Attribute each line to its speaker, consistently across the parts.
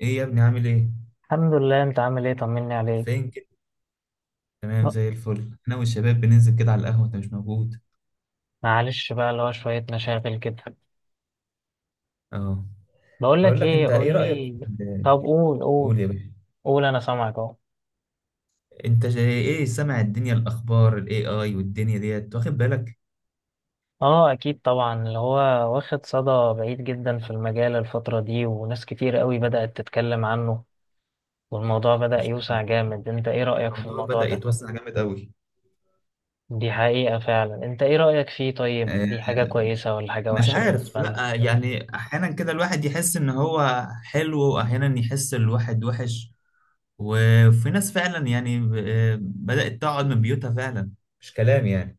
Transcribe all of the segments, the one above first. Speaker 1: ايه يا ابني، عامل ايه؟
Speaker 2: الحمد لله. انت عامل ايه؟ طمني عليك.
Speaker 1: فين كده؟ تمام
Speaker 2: ب-
Speaker 1: زي الفل. انا والشباب بننزل كده على القهوه، انت مش موجود.
Speaker 2: معلش بقى اللي هو شوية مشاغل كده.
Speaker 1: اه،
Speaker 2: بقول
Speaker 1: بقول
Speaker 2: لك
Speaker 1: لك
Speaker 2: ايه،
Speaker 1: انت
Speaker 2: قول
Speaker 1: ايه رايك
Speaker 2: لي.
Speaker 1: في ال-
Speaker 2: طب قول
Speaker 1: قول
Speaker 2: قول
Speaker 1: يا باشا.
Speaker 2: قول انا سامعك اهو.
Speaker 1: انت جاي ايه، سامع الدنيا، الاخبار، الاي اي والدنيا ديت، واخد بالك؟
Speaker 2: اه اكيد طبعا، اللي هو واخد صدى بعيد جدا في المجال الفترة دي، وناس كتير قوي بدأت تتكلم عنه، والموضوع بدأ
Speaker 1: مش
Speaker 2: يوسع
Speaker 1: عارف.
Speaker 2: جامد. انت ايه رأيك في
Speaker 1: الموضوع
Speaker 2: الموضوع
Speaker 1: بدا
Speaker 2: ده؟
Speaker 1: يتوسع جامد قوي.
Speaker 2: دي حقيقة فعلا. انت ايه رأيك فيه؟ طيب
Speaker 1: آه،
Speaker 2: دي حاجة كويسة ولا حاجة
Speaker 1: مش
Speaker 2: وحشة
Speaker 1: عارف،
Speaker 2: بالنسبة لنا؟
Speaker 1: لا يعني احيانا كده الواحد يحس ان هو حلو، واحيانا يحس الواحد وحش. وفي ناس فعلا يعني بدات تقعد من بيوتها فعلا، مش كلام يعني.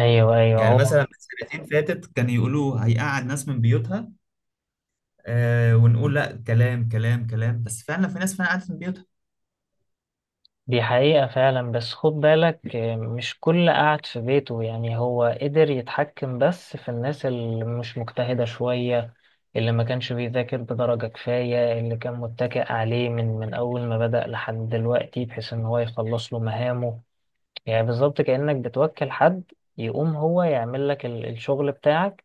Speaker 2: ايوه، ايوه،
Speaker 1: يعني
Speaker 2: هو
Speaker 1: مثلا من سنتين فاتت كان يقولوا هيقعد ناس من بيوتها. آه، ونقول لا، كلام كلام كلام، بس فعلا في ناس فعلا قعدت من بيوتها.
Speaker 2: دي حقيقة فعلا. بس خد بالك، مش كل قاعد في بيته، يعني هو قدر يتحكم، بس في الناس اللي مش مجتهدة شوية، اللي ما كانش بيذاكر بدرجة كفاية، اللي كان متكئ عليه من أول ما بدأ لحد دلوقتي، بحيث إن هو يخلص له مهامه. يعني بالظبط كأنك بتوكل حد يقوم هو يعمل لك الشغل بتاعك،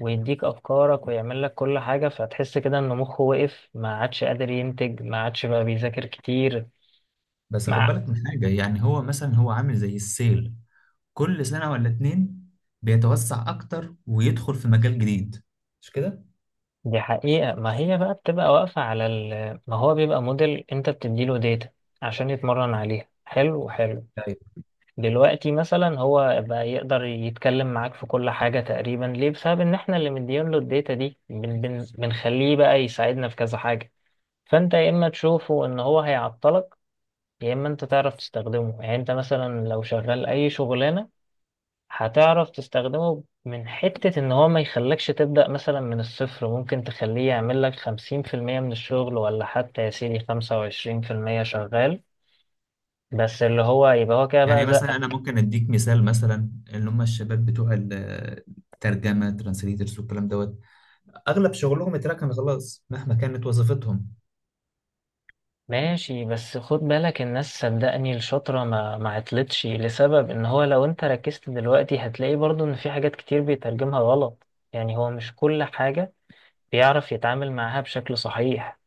Speaker 2: ويديك أفكارك، ويعمل لك كل حاجة، فتحس كده إن مخه وقف، ما عادش قادر ينتج، ما عادش بقى بيذاكر كتير.
Speaker 1: بس خد بالك من حاجة، يعني هو مثلا هو عامل زي السيل، كل سنة ولا اتنين بيتوسع أكتر ويدخل في مجال جديد، مش كده؟
Speaker 2: دي حقيقة. ما هي بقى بتبقى واقفة على ما هو بيبقى موديل، انت بتديله داتا عشان يتمرن عليها. حلو، حلو.
Speaker 1: ايوه.
Speaker 2: دلوقتي مثلا هو بقى يقدر يتكلم معاك في كل حاجة تقريبا، ليه؟ بسبب ان احنا اللي مديين له الداتا دي، بنخليه بقى يساعدنا في كذا حاجة. فانت يا اما تشوفه ان هو هيعطلك، يا اما انت تعرف تستخدمه. يعني انت مثلا لو شغال اي شغلانة، هتعرف تستخدمه من حتة ان هو ما يخلكش تبدأ مثلا من الصفر، ممكن تخليه يعمل لك خمسين في المية من الشغل، ولا حتى يا سيدي خمسة وعشرين في المية شغال، بس اللي هو يبقى هو كده
Speaker 1: يعني
Speaker 2: بقى
Speaker 1: مثلا أنا
Speaker 2: زقك.
Speaker 1: ممكن أديك مثال، مثلا اللي هم الشباب بتوع الترجمة، ترانسليترز والكلام دوت، أغلب شغلهم اتركن خلاص مهما كانت وظيفتهم.
Speaker 2: ماشي، بس خد بالك الناس صدقني الشاطرة ما عطلتش، لسبب ان هو لو انت ركزت دلوقتي هتلاقي برضو ان في حاجات كتير بيترجمها غلط. يعني هو مش كل حاجة بيعرف يتعامل معاها بشكل صحيح.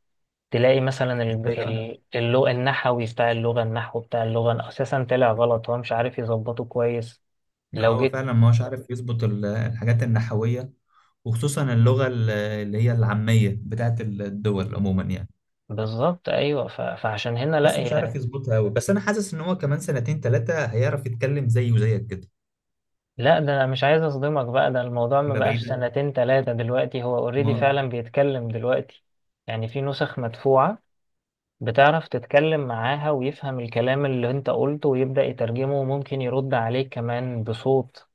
Speaker 2: تلاقي مثلا
Speaker 1: ازاي بقى؟
Speaker 2: اللغة النحوي بتاع اللغة، النحو بتاع اللغة أساسا طلع غلط، هو مش عارف يظبطه كويس.
Speaker 1: آه،
Speaker 2: لو
Speaker 1: هو
Speaker 2: جيت
Speaker 1: فعلا ما هوش عارف يظبط الحاجات النحوية، وخصوصا اللغة اللي هي العامية بتاعت الدول عموما يعني.
Speaker 2: بالظبط، أيوه، فعشان هنا لا
Speaker 1: لسه مش عارف
Speaker 2: يعني.
Speaker 1: يظبطها قوي. بس انا حاسس ان هو كمان سنتين ثلاثة هيعرف يتكلم زيي وزيك كده.
Speaker 2: لا، ده أنا مش عايز أصدمك، بقى ده الموضوع ما
Speaker 1: ولا
Speaker 2: بقاش
Speaker 1: بعيدة
Speaker 2: سنتين تلاتة دلوقتي، هو
Speaker 1: ما.
Speaker 2: أوريدي فعلا بيتكلم دلوقتي. يعني في نسخ مدفوعة بتعرف تتكلم معاها، ويفهم الكلام اللي انت قلته، ويبدأ يترجمه، وممكن يرد عليك كمان بصوت.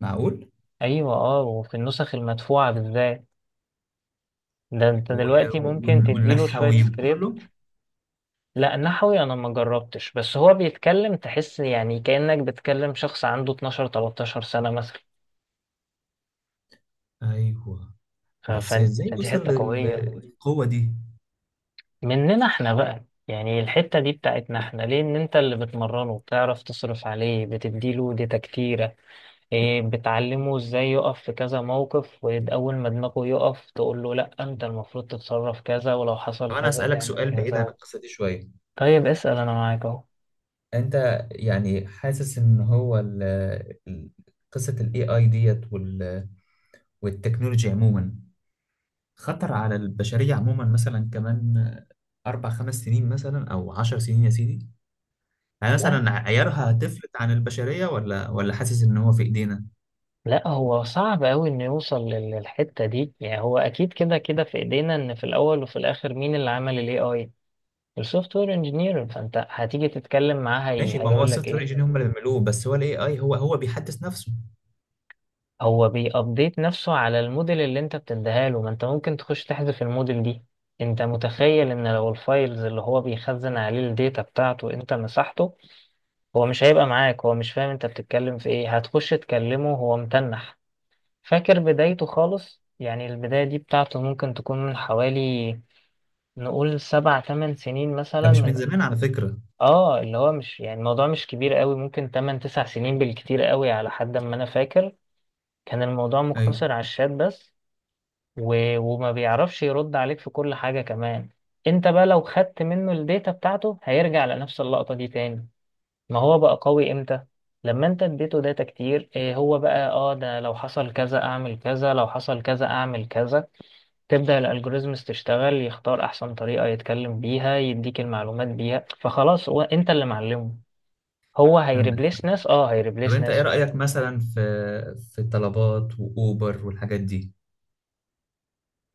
Speaker 1: معقول؟
Speaker 2: أيوه، اه، وفي النسخ المدفوعة بالذات، ده انت
Speaker 1: و-
Speaker 2: دلوقتي ممكن تديله شوية
Speaker 1: والنحوي وكله.
Speaker 2: سكريبت. لا نحوي انا ما جربتش، بس هو بيتكلم تحس يعني كأنك بتكلم شخص عنده 12 13 سنة مثلا.
Speaker 1: ايوه. بس ازاي
Speaker 2: فدي
Speaker 1: وصل
Speaker 2: حتة قوية
Speaker 1: للقوة دي؟
Speaker 2: مننا احنا بقى. يعني الحتة دي بتاعتنا احنا ليه؟ ان انت اللي بتمرنه، بتعرف تصرف عليه، بتديله داتا كتيرة، ايه، بتعلمه ازاي يقف في كذا موقف، واول ما دماغه يقف تقول له لا انت المفروض تتصرف كذا، ولو
Speaker 1: طب
Speaker 2: حصل
Speaker 1: انا
Speaker 2: كذا
Speaker 1: اسألك
Speaker 2: تعمل
Speaker 1: سؤال بعيد
Speaker 2: كذا.
Speaker 1: عن القصة دي شوية.
Speaker 2: طيب اسأل انا معاك اهو.
Speaker 1: انت يعني حاسس ان هو ال- قصة الاي اي ديت والتكنولوجيا عموما خطر على البشرية عموما، مثلا كمان أربع خمس سنين مثلا، أو عشر سنين يا سيدي؟ يعني مثلا عيارها هتفلت عن البشرية ولا حاسس إن هو في إيدينا؟
Speaker 2: لا، هو صعب أوي إنه يوصل للحتة دي. يعني هو أكيد كده كده في إيدينا، إن في الأول وفي الآخر مين اللي عمل ال AI؟ السوفت وير انجينير. فأنت هتيجي تتكلم معاه،
Speaker 1: ماشي. ما هو
Speaker 2: هيقول لك
Speaker 1: السوفت وير
Speaker 2: إيه؟
Speaker 1: إنجينير هم اللي بيعملوه، بس هو الإي آي هو بيحدث نفسه.
Speaker 2: هو بيأبديت نفسه على الموديل اللي أنت بتديها له، ما أنت ممكن تخش تحذف الموديل دي. أنت متخيل إن لو الفايلز اللي هو بيخزن عليه الداتا بتاعته أنت مسحته؟ هو مش هيبقى معاك، هو مش فاهم أنت بتتكلم في إيه، هتخش تكلمه هو متنح، فاكر بدايته خالص. يعني البداية دي بتاعته ممكن تكون من حوالي، نقول سبع تمن سنين
Speaker 1: ده
Speaker 2: مثلا،
Speaker 1: مش من
Speaker 2: من
Speaker 1: زمان على فكرة.
Speaker 2: اه، اللي هو مش يعني الموضوع مش كبير قوي، ممكن تمن تسع سنين بالكتير قوي على حد ما انا فاكر. كان الموضوع
Speaker 1: أيوه.
Speaker 2: مقتصر على الشات بس، وما بيعرفش يرد عليك في كل حاجة كمان. انت بقى لو خدت منه الداتا بتاعته هيرجع لنفس اللقطة دي تاني. ما هو بقى قوي امتى؟ لما انت اديته داتا كتير، إيه هو بقى اه ده لو حصل كذا اعمل كذا، لو حصل كذا اعمل كذا، تبدأ الالجوريزمز تشتغل، يختار احسن طريقة يتكلم بيها، يديك المعلومات بيها، فخلاص هو انت اللي معلمه. هو
Speaker 1: عندك.
Speaker 2: هيريبليس ناس، اه
Speaker 1: طب
Speaker 2: هيريبليس
Speaker 1: أنت إيه
Speaker 2: ناس فعلا.
Speaker 1: رأيك مثلا في الطلبات وأوبر والحاجات دي؟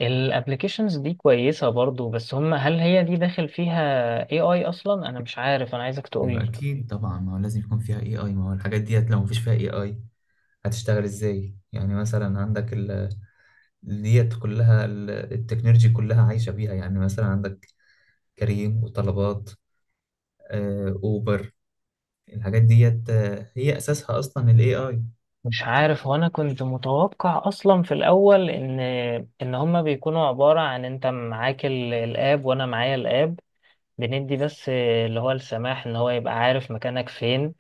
Speaker 2: الابلكيشنز دي كويسة برضو، بس هم هل هي دي داخل فيها اي اي اصلا؟ انا مش عارف، انا عايزك
Speaker 1: أيوه
Speaker 2: تقولي.
Speaker 1: أكيد طبعا، ما هو لازم يكون فيها إي آي. ما هو الحاجات ديت لو مفيش فيها إي آي، هتشتغل إزاي؟ يعني مثلا عندك ال ديت كلها، التكنولوجي كلها عايشة بيها. يعني مثلا عندك كريم وطلبات، أوبر، الحاجات ديت هي أساسها أصلا ال AI.
Speaker 2: مش عارف. وانا كنت متوقع اصلا في الاول ان ان هم بيكونوا عبارة عن انت معاك الاب، وانا معايا الاب، بندي بس اللي هو السماح ان هو يبقى عارف مكانك فين،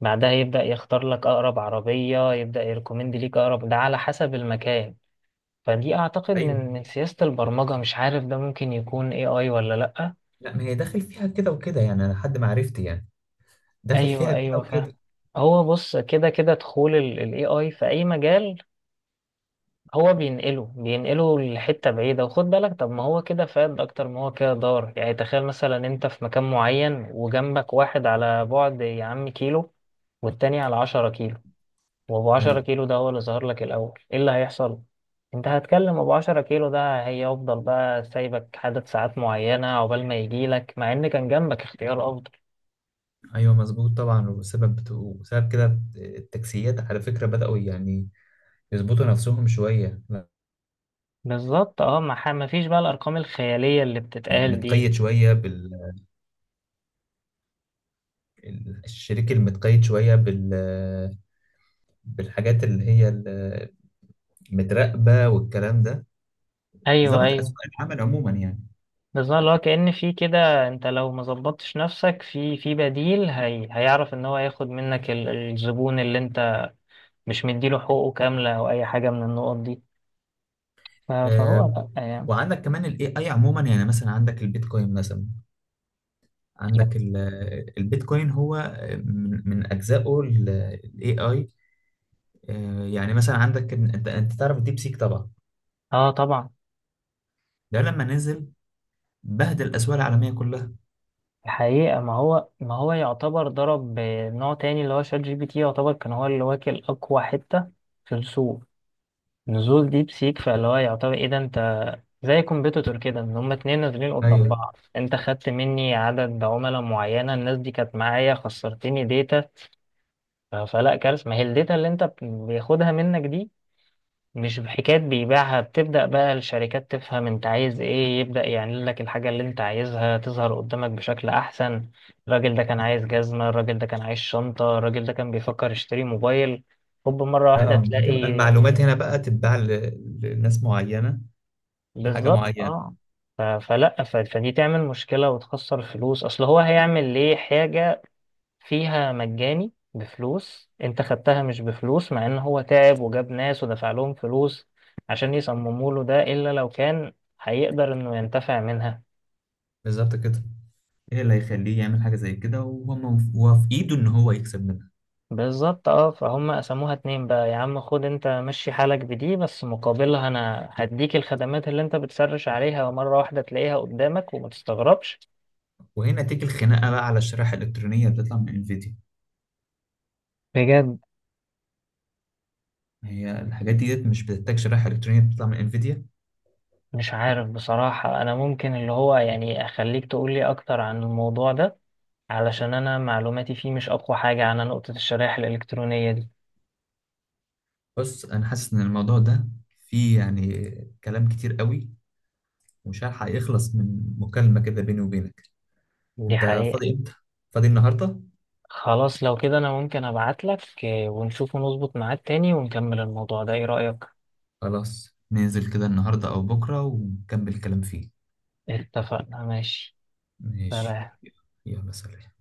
Speaker 2: بعدها يبدأ يختار لك أقرب عربية، يبدأ يركومند ليك أقرب ده على حسب المكان. فدي أعتقد
Speaker 1: أيوه.
Speaker 2: من سياسة البرمجة، مش عارف ده ممكن يكون AI ولا لأ.
Speaker 1: لا ما هي داخل فيها كده وكده يعني، أنا لحد ما عرفت يعني داخل فيها
Speaker 2: أيوه،
Speaker 1: كده
Speaker 2: أيوه، فاهم.
Speaker 1: وكده.
Speaker 2: هو بص، كده كده دخول ال AI في أي مجال هو بينقله لحتة بعيدة. وخد بالك، طب ما هو كده فاد أكتر ما هو كده ضار. يعني تخيل مثلا أنت في مكان معين، وجنبك واحد على بعد يا عم كيلو، والتاني على عشرة كيلو، وابو 10
Speaker 1: أيوه
Speaker 2: كيلو ده هو اللي ظهر لك الاول، ايه اللي هيحصل؟ انت هتكلم ابو 10 كيلو ده، هيفضل بقى سايبك عدد ساعات معينة عقبال ما يجيلك، مع ان كان جنبك اختيار افضل.
Speaker 1: أيوه، مظبوط طبعا. وسبب كده التاكسيات على فكرة بدأوا يعني يظبطوا نفسهم شوية،
Speaker 2: بالظبط، اه، ما فيش بقى الارقام الخيالية اللي بتتقال دي.
Speaker 1: متقيد شوية الشريك، المتقيد شوية بالحاجات اللي هي متراقبة والكلام ده.
Speaker 2: ايوه،
Speaker 1: ظبط
Speaker 2: ايوه،
Speaker 1: الاسواق العمل عموما يعني.
Speaker 2: بالظبط، اللي هو كأن في كده، انت لو ما ظبطتش نفسك في بديل، هي هيعرف ان هو ياخد منك الزبون اللي انت مش مديله حقوقه كاملة او اي حاجة من النقط دي. فهو
Speaker 1: آه،
Speaker 2: لا يعني.
Speaker 1: وعندك كمان الاي اي عموما. يعني مثلا عندك البيتكوين، مثلا عندك البيتكوين، هو من اجزائه الاي اي. يعني مثلا عندك انت تعرف الديب سيك طبعا.
Speaker 2: اه طبعا.
Speaker 1: ده لما نزل بهدل الاسواق العالميه كلها.
Speaker 2: الحقيقة ما هو يعتبر ضرب نوع تاني. اللي هو شات جي بي تي يعتبر كان هو اللي واكل أقوى حتة في السوق. نزول ديب سيك، فاللي هو يعتبر إيه ده، أنت زي كومبيتيتور كده، إن هما اتنين نازلين قدام
Speaker 1: ايوه.
Speaker 2: بعض، أنت خدت مني عدد عملاء معينة، الناس دي كانت معايا، خسرتني داتا. فلا كارثة. ما هي الداتا اللي أنت بياخدها منك دي مش بحكاية بيبيعها، بتبدأ بقى الشركات تفهم انت عايز ايه، يبدأ يعمل لك الحاجة اللي انت عايزها تظهر قدامك بشكل احسن. الراجل ده كان عايز جزمة، الراجل ده كان عايز شنطة، الراجل ده كان بيفكر يشتري موبايل، هوب مرة واحدة
Speaker 1: اه، بتبقى
Speaker 2: تلاقي.
Speaker 1: المعلومات هنا بقى تتباع لناس معينه بحاجه
Speaker 2: بالظبط،
Speaker 1: معينه.
Speaker 2: اه. فلا، فدي تعمل مشكلة وتخسر فلوس، اصل هو هيعمل ليه حاجة فيها مجاني بفلوس انت خدتها مش بفلوس، مع ان هو تعب وجاب ناس ودفع لهم فلوس عشان يصمموا له ده، الا لو كان هيقدر انه ينتفع منها.
Speaker 1: بالظبط كده. ايه اللي هيخليه يعمل حاجه زي كده، وهو في ايده ان هو يكسب منها.
Speaker 2: بالظبط، اه، فهم قسموها اتنين بقى، يا عم خد انت مشي حالك بدي، بس مقابلها انا هديك الخدمات اللي انت بتسرش عليها، ومرة واحدة تلاقيها قدامك وما تستغربش.
Speaker 1: وهنا تيجي الخناقه بقى على الشرائح الالكترونيه اللي بتطلع من انفيديا.
Speaker 2: بجد؟
Speaker 1: هي الحاجات دي مش بتحتاج شرائح الكترونيه بتطلع من انفيديا؟
Speaker 2: مش عارف بصراحة، انا ممكن اللي هو يعني اخليك تقولي اكتر عن الموضوع ده، علشان انا معلوماتي فيه مش اقوى حاجة على نقطة الشرائح الالكترونية دي.
Speaker 1: بص، انا حاسس ان الموضوع ده فيه يعني كلام كتير قوي، ومش هلحق يخلص من مكالمه كده بيني وبينك.
Speaker 2: دي
Speaker 1: انت
Speaker 2: حقيقة.
Speaker 1: فاضي امتى؟ فاضي النهارده؟
Speaker 2: خلاص لو كده انا ممكن ابعتلك، ونشوف ونظبط ميعاد تاني ونكمل الموضوع ده، ايه رأيك؟
Speaker 1: خلاص، ننزل كده النهارده او بكره ونكمل الكلام فيه.
Speaker 2: اتفقنا، ماشي.
Speaker 1: ماشي.
Speaker 2: سلام.
Speaker 1: يلا سلام.